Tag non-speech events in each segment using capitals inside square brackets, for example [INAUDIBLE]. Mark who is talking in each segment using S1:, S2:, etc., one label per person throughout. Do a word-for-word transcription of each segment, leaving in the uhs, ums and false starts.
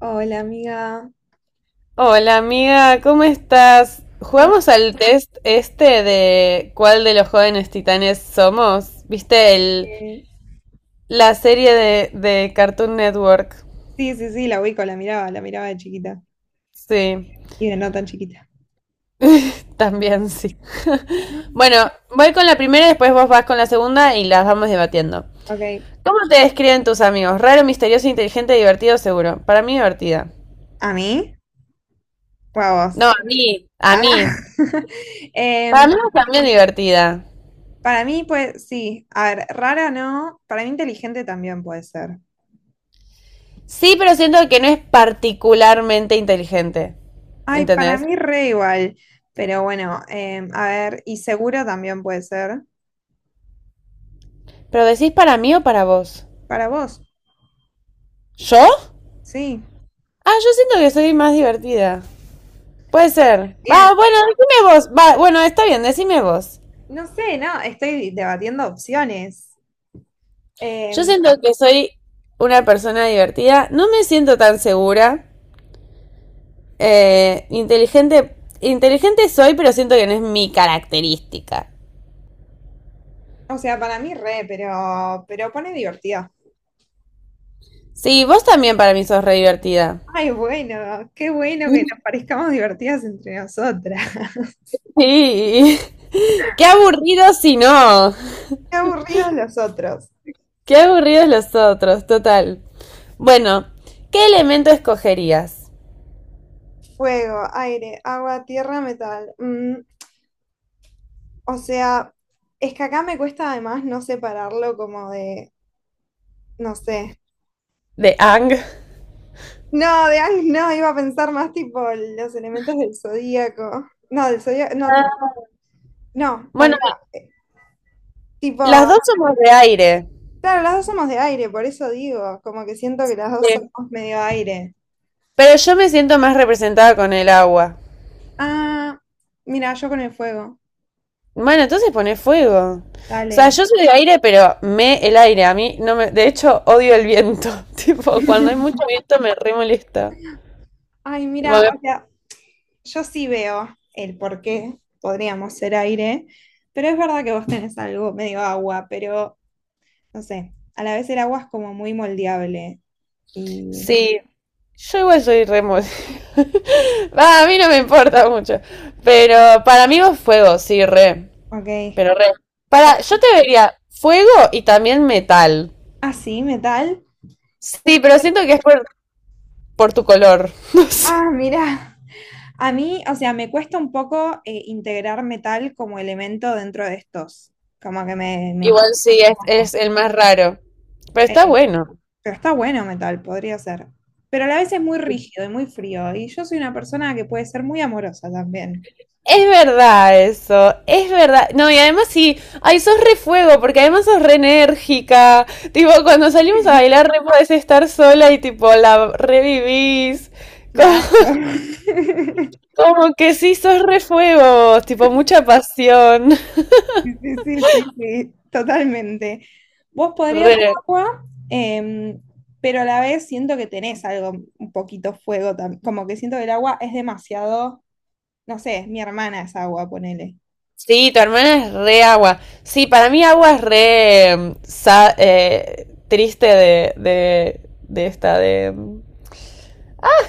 S1: Hola, amiga.
S2: Hola amiga, ¿cómo estás?
S1: ¿Cómo estás?
S2: Jugamos al test este de cuál de los jóvenes titanes somos. ¿Viste el,
S1: Sí,
S2: la serie de, de Cartoon Network?
S1: sí, sí, la ubico, la miraba, la miraba de chiquita.
S2: Sí,
S1: Y de no tan chiquita.
S2: también sí. [LAUGHS] Bueno, voy con la primera, después vos vas con la segunda y las vamos debatiendo.
S1: Ok.
S2: ¿Cómo te describen tus amigos? Raro, misterioso, inteligente, divertido, seguro. Para mí divertida.
S1: ¿A mí? ¿O a vos?
S2: No, a mí, a
S1: Ah.
S2: mí.
S1: [LAUGHS]
S2: Para
S1: Em,
S2: mí también divertida.
S1: para mí, pues, sí. A ver, rara no. Para mí inteligente también puede ser.
S2: Sí, pero siento que no es particularmente inteligente.
S1: Ay, para
S2: ¿Entendés?
S1: mí re igual. Pero bueno, em, a ver, y seguro también puede ser.
S2: ¿Pero decís para mí o para vos?
S1: Para vos,
S2: ¿Yo?
S1: sí.
S2: Ah, yo siento que soy más divertida. Puede ser.
S1: Bien.
S2: Va, bueno, decime vos. Va, bueno, está bien, decime vos.
S1: No sé, no, estoy debatiendo opciones.
S2: Yo
S1: Em,
S2: siento que soy una persona divertida. No me siento tan segura. Eh, inteligente. Inteligente soy, pero siento que no es mi característica.
S1: O sea, para mí re, pero, pero pone divertido.
S2: Sí, vos también para mí sos re divertida.
S1: Ay, bueno, qué bueno que nos parezcamos divertidas entre nosotras. [LAUGHS]
S2: Sí. [LAUGHS] Qué aburrido si no.
S1: Qué aburridos los otros.
S2: Qué aburridos los otros, total. Bueno, ¿qué elemento escogerías?
S1: Fuego, aire, agua, tierra, metal. Mm, o sea, es que acá me cuesta además no separarlo como de, no sé.
S2: De Ang.
S1: No, de Ang, no, iba a pensar más tipo los elementos del zodíaco. No, del zodíaco, no, tipo, no,
S2: Bueno,
S1: banca. eh, Tipo,
S2: las dos somos de aire.
S1: Claro, las dos somos de aire, por eso digo, como que siento que las dos
S2: Sí.
S1: somos medio aire.
S2: Pero yo me siento más representada con el agua.
S1: Ah, mira, yo con el fuego.
S2: Bueno, entonces pone fuego. O sea,
S1: Dale.
S2: yo soy de aire, pero me el aire. A mí no me. De hecho, odio el viento. [LAUGHS] Tipo, cuando hay mucho viento me re molesta.
S1: Ay,
S2: Tipo,
S1: mira,
S2: me-
S1: o sea, yo sí veo el por qué podríamos ser aire, pero es verdad que vos tenés algo medio agua, pero no sé, a la vez el agua es como muy moldeable. Y,
S2: Sí, yo igual soy re mol- [LAUGHS] Va, a mí no me importa mucho. Pero para mí vos fuego, sí, re.
S1: ok.
S2: Pero re. Para, yo te vería fuego y también metal.
S1: Ah, sí, metal.
S2: Sí, pero siento que es por, por tu color. [LAUGHS] No sé.
S1: Ah, mira. A mí, o sea, me cuesta un poco eh, integrar metal como elemento dentro de estos, como que me, me choca
S2: Igual sí,
S1: un
S2: es, es
S1: poco.
S2: el más raro. Pero
S1: Eh,
S2: está bueno.
S1: pero está bueno metal, podría ser. Pero a la vez es muy rígido y muy frío, y yo soy una persona que puede ser muy amorosa también.
S2: Es verdad eso, es verdad. No, y además sí, ay, sos re fuego, porque además sos re enérgica. Tipo, cuando salimos a bailar, re podés estar sola y tipo, la revivís. Co-
S1: Claro.
S2: [LAUGHS]
S1: [LAUGHS]
S2: Como, que sí, sos re fuego, tipo, mucha pasión.
S1: Sí, sí, sí, sí, totalmente. Vos podrías ser
S2: Re.
S1: agua, em, pero a la vez siento que tenés algo, un poquito fuego también, como que siento que el agua es demasiado, no sé, mi hermana es agua, ponele.
S2: Sí, tu hermana es re agua. Sí, para mí agua es re, mm, sa- eh, triste de, de, de esta, de... mm,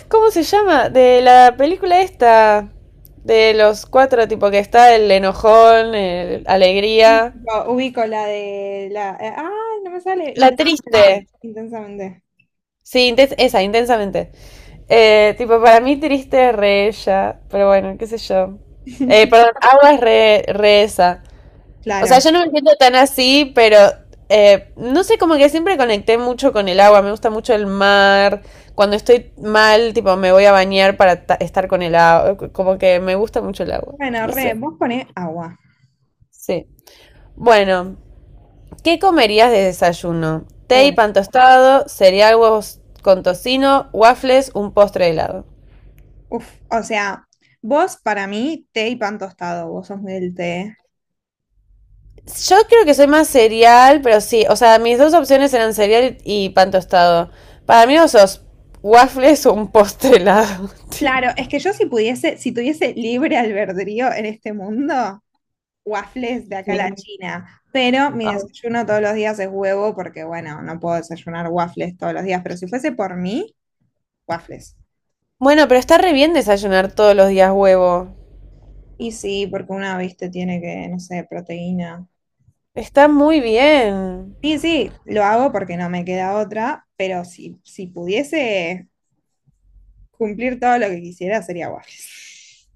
S2: ¿Cómo se llama? De la película esta, de los cuatro, tipo que está el enojón, el
S1: Sí,
S2: alegría,
S1: tipo, ubico la de la. eh, ah, no me sale.
S2: la
S1: Intensamente.
S2: triste.
S1: Intensamente.
S2: Sí, inten- esa, intensamente. Eh, tipo, para mí triste es re ella, pero bueno, qué sé yo. Eh, perdón,
S1: [LAUGHS]
S2: agua es re, re esa. O sea,
S1: Claro.
S2: yo no me siento tan así, pero eh, no sé, como que siempre conecté mucho con el agua. Me gusta mucho el mar. Cuando estoy mal, tipo, me voy a bañar para ta- estar con el agua. Como que me gusta mucho el agua.
S1: Bueno,
S2: No
S1: re,
S2: sé.
S1: vos ponés agua.
S2: Sí. Bueno, ¿qué comerías de desayuno? Té y
S1: Uy,
S2: pan tostado, cereal, huevos con tocino, waffles, un postre de helado.
S1: uf. O sea, vos para mí, té y pan tostado. Vos sos muy del té.
S2: Yo creo que soy más cereal, pero sí. O sea, mis dos opciones eran cereal y pan tostado. Para mí, no sos waffles o un postre helado. [LAUGHS] tío.
S1: Claro, es que yo si pudiese, si tuviese libre albedrío en este mundo. Waffles de
S2: Sí.
S1: acá a la China, pero mi
S2: Ay.
S1: desayuno todos los días es huevo porque, bueno, no puedo desayunar waffles todos los días, pero si fuese por mí, waffles.
S2: Bueno, pero está re bien desayunar todos los días huevo.
S1: Y sí, porque una, viste, tiene que, no sé, proteína.
S2: Está muy bien.
S1: Sí, sí, lo hago porque no me queda otra, pero si, si pudiese cumplir todo lo que quisiera sería waffles.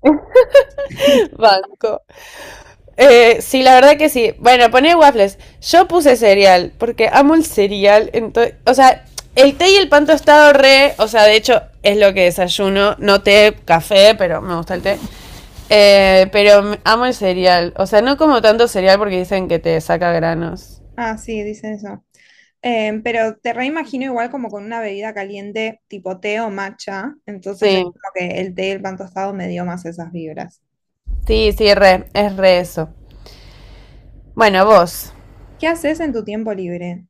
S2: [LAUGHS]
S1: [LAUGHS]
S2: Banco. Eh, sí, la verdad que sí. Bueno, pone waffles. Yo puse cereal, porque amo el cereal. Entonces, o sea, el té y el pan tostado re, o sea, de hecho es lo que desayuno. No té, café, pero me gusta el té. Eh, pero amo el cereal. O sea, no como tanto cereal porque dicen que te saca granos.
S1: Ah, sí, dicen eso. Em, pero te reimagino igual como con una bebida caliente tipo té o matcha, entonces es
S2: Sí,
S1: como que el té y el pan tostado me dio más esas vibras.
S2: sí, sí, re, es re eso. Bueno, vos.
S1: ¿Qué haces en tu tiempo libre?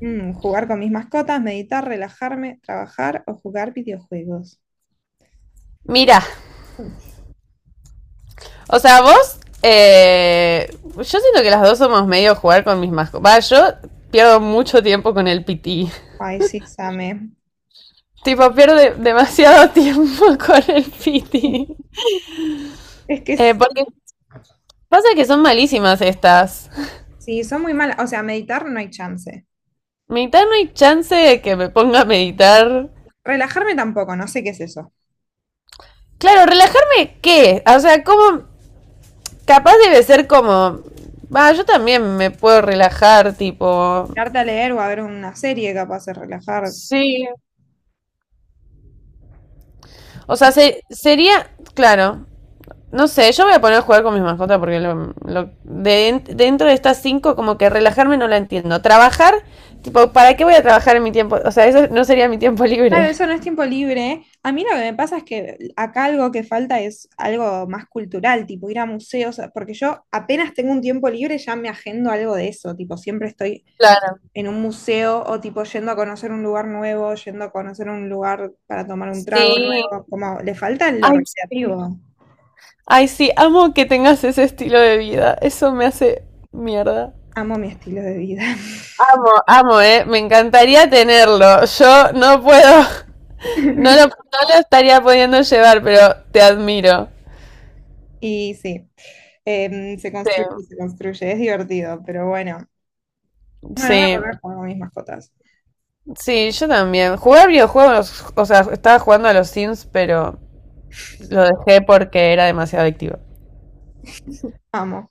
S1: Mm, jugar con mis mascotas, meditar, relajarme, trabajar o jugar videojuegos.
S2: Mira,
S1: Mm.
S2: o sea, vos, eh, yo siento que las dos somos medio jugar con mis mascotas. Va, yo pierdo mucho tiempo con el pití.
S1: Ay, sí, Same.
S2: Tipo, pierde demasiado [LAUGHS] tiempo con el piti.
S1: Es que
S2: Eh,
S1: s-
S2: porque pasa que son malísimas estas.
S1: sí, son muy malas. O sea, meditar no hay chance.
S2: Meditar no hay chance de que me ponga a
S1: Sí.
S2: meditar.
S1: Relajarme tampoco, no sé qué es eso.
S2: Claro, relajarme, ¿qué? O sea, como... Capaz debe ser como... Va, yo también me puedo relajar, tipo...
S1: Darte a leer o a ver una serie capaz de relajar.
S2: Sí. O sea, se- sería... Claro. No sé, yo voy a poner a jugar con mis mascotas porque lo- lo- de- dentro de estas cinco como que relajarme no la entiendo. Trabajar, tipo, ¿para qué voy a trabajar en mi tiempo? O sea, eso no sería mi tiempo
S1: Claro,
S2: libre.
S1: eso no es tiempo libre. A mí lo que me pasa es que acá algo que falta es algo más cultural, tipo ir a museos, porque yo apenas tengo un tiempo libre ya me agendo algo de eso, tipo siempre estoy
S2: Claro.
S1: en un museo o tipo yendo a conocer un lugar nuevo, yendo a conocer un lugar para tomar un trago
S2: Sí.
S1: nuevo, como le falta lo
S2: Ay, sí.
S1: recreativo.
S2: Ay, sí, amo que tengas ese estilo de vida. Eso me hace mierda.
S1: Amo mi estilo de vida.
S2: Amo, amo, eh. Me encantaría tenerlo. Yo no puedo, no lo,
S1: [LAUGHS]
S2: no lo estaría pudiendo llevar, pero te admiro.
S1: Y sí, em, se
S2: Sí.
S1: construye, y se construye, es divertido, pero bueno. Bueno, voy a
S2: Sí.
S1: volver con mis mascotas.
S2: Sí, yo también. Jugar videojuegos, o sea, estaba jugando a los Sims, pero lo dejé porque era demasiado adictivo.
S1: Amo.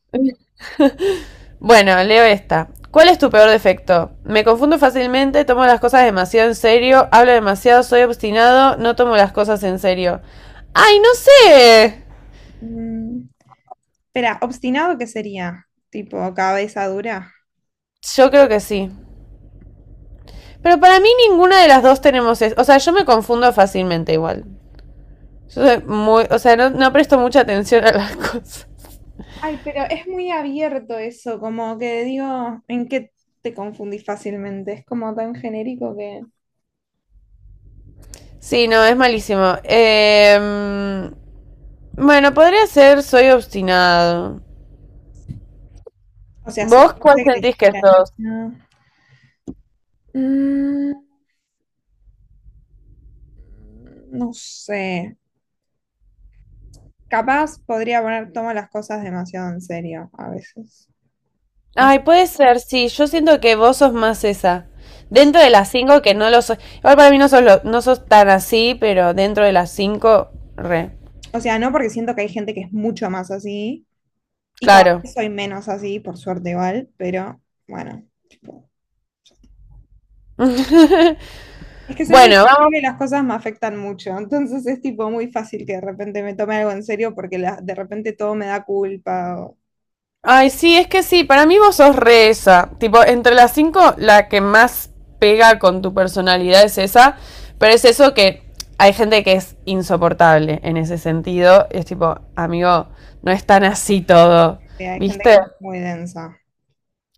S2: Bueno, leo esta. ¿Cuál es tu peor defecto? Me confundo fácilmente, tomo las cosas demasiado en serio, hablo demasiado, soy obstinado, no tomo las cosas en serio. ¡Ay, no sé!
S1: Mm. Espera, obstinado, ¿qué sería? Tipo, cabeza dura.
S2: Yo creo que sí. Pero para mí ninguna de las dos tenemos eso. O sea, yo me confundo fácilmente igual. Yo soy muy... O sea, no, no presto mucha atención a las [LAUGHS] cosas.
S1: Ay, pero es muy abierto eso, como que digo, ¿en qué te confundís fácilmente? Es como tan genérico que...
S2: Sí, no, es malísimo. Eh... Bueno, podría ser soy obstinado.
S1: O sea, si te
S2: ¿Vos cuál
S1: dice que
S2: sentís que
S1: dijiste,
S2: sos?
S1: no. Mm, no sé. Capaz podría poner, tomo las cosas demasiado en serio a veces. No sé.
S2: Ay, puede ser, sí. Yo siento que vos sos más esa. Dentro de las cinco que no lo sos. Igual para mí no sos, lo- no sos tan así, pero dentro de las cinco, re.
S1: O sea, no porque siento que hay gente que es mucho más así y cada
S2: Claro.
S1: vez soy menos así, por suerte igual, pero bueno.
S2: [LAUGHS]
S1: Es que soy muy
S2: Bueno, vamos
S1: sensible y las cosas me afectan mucho, entonces es tipo muy fácil que de repente me tome algo en serio porque la- de repente todo me da culpa o
S2: Ay, sí, es que sí, para mí vos sos re esa. Tipo, entre las cinco, la que más pega con tu personalidad es esa, pero es eso que hay gente que es insoportable en ese sentido. Es tipo, amigo, no es tan así todo,
S1: eh, hay gente que
S2: ¿viste?
S1: es muy densa.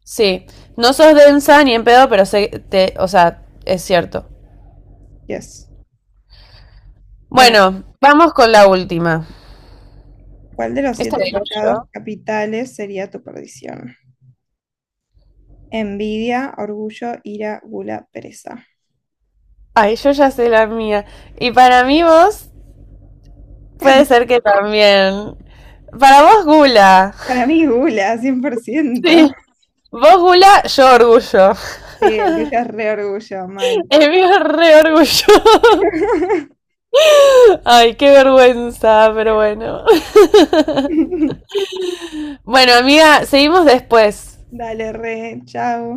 S2: Sí, no sos densa ni en pedo, pero sé, te, o sea, es cierto.
S1: Yes. Bueno,
S2: Bueno, vamos con la última.
S1: ¿cuál de los
S2: Esta la
S1: siete
S2: digo
S1: pecados
S2: yo.
S1: capitales sería tu perdición? Envidia, orgullo, ira, gula, pereza.
S2: Ay, yo ya sé la mía. Y para mí vos Puede ser que también. Para vos, Gula.
S1: Para mí gula, cien por ciento.
S2: Sí. Vos, Gula, yo orgullo.
S1: Sí, el tuyo es re orgullo, mal.
S2: El mío es re orgullo.
S1: [LAUGHS]
S2: [LAUGHS] Ay, qué vergüenza, pero bueno. [LAUGHS] Bueno, amiga, seguimos después.
S1: Dale, re, chao.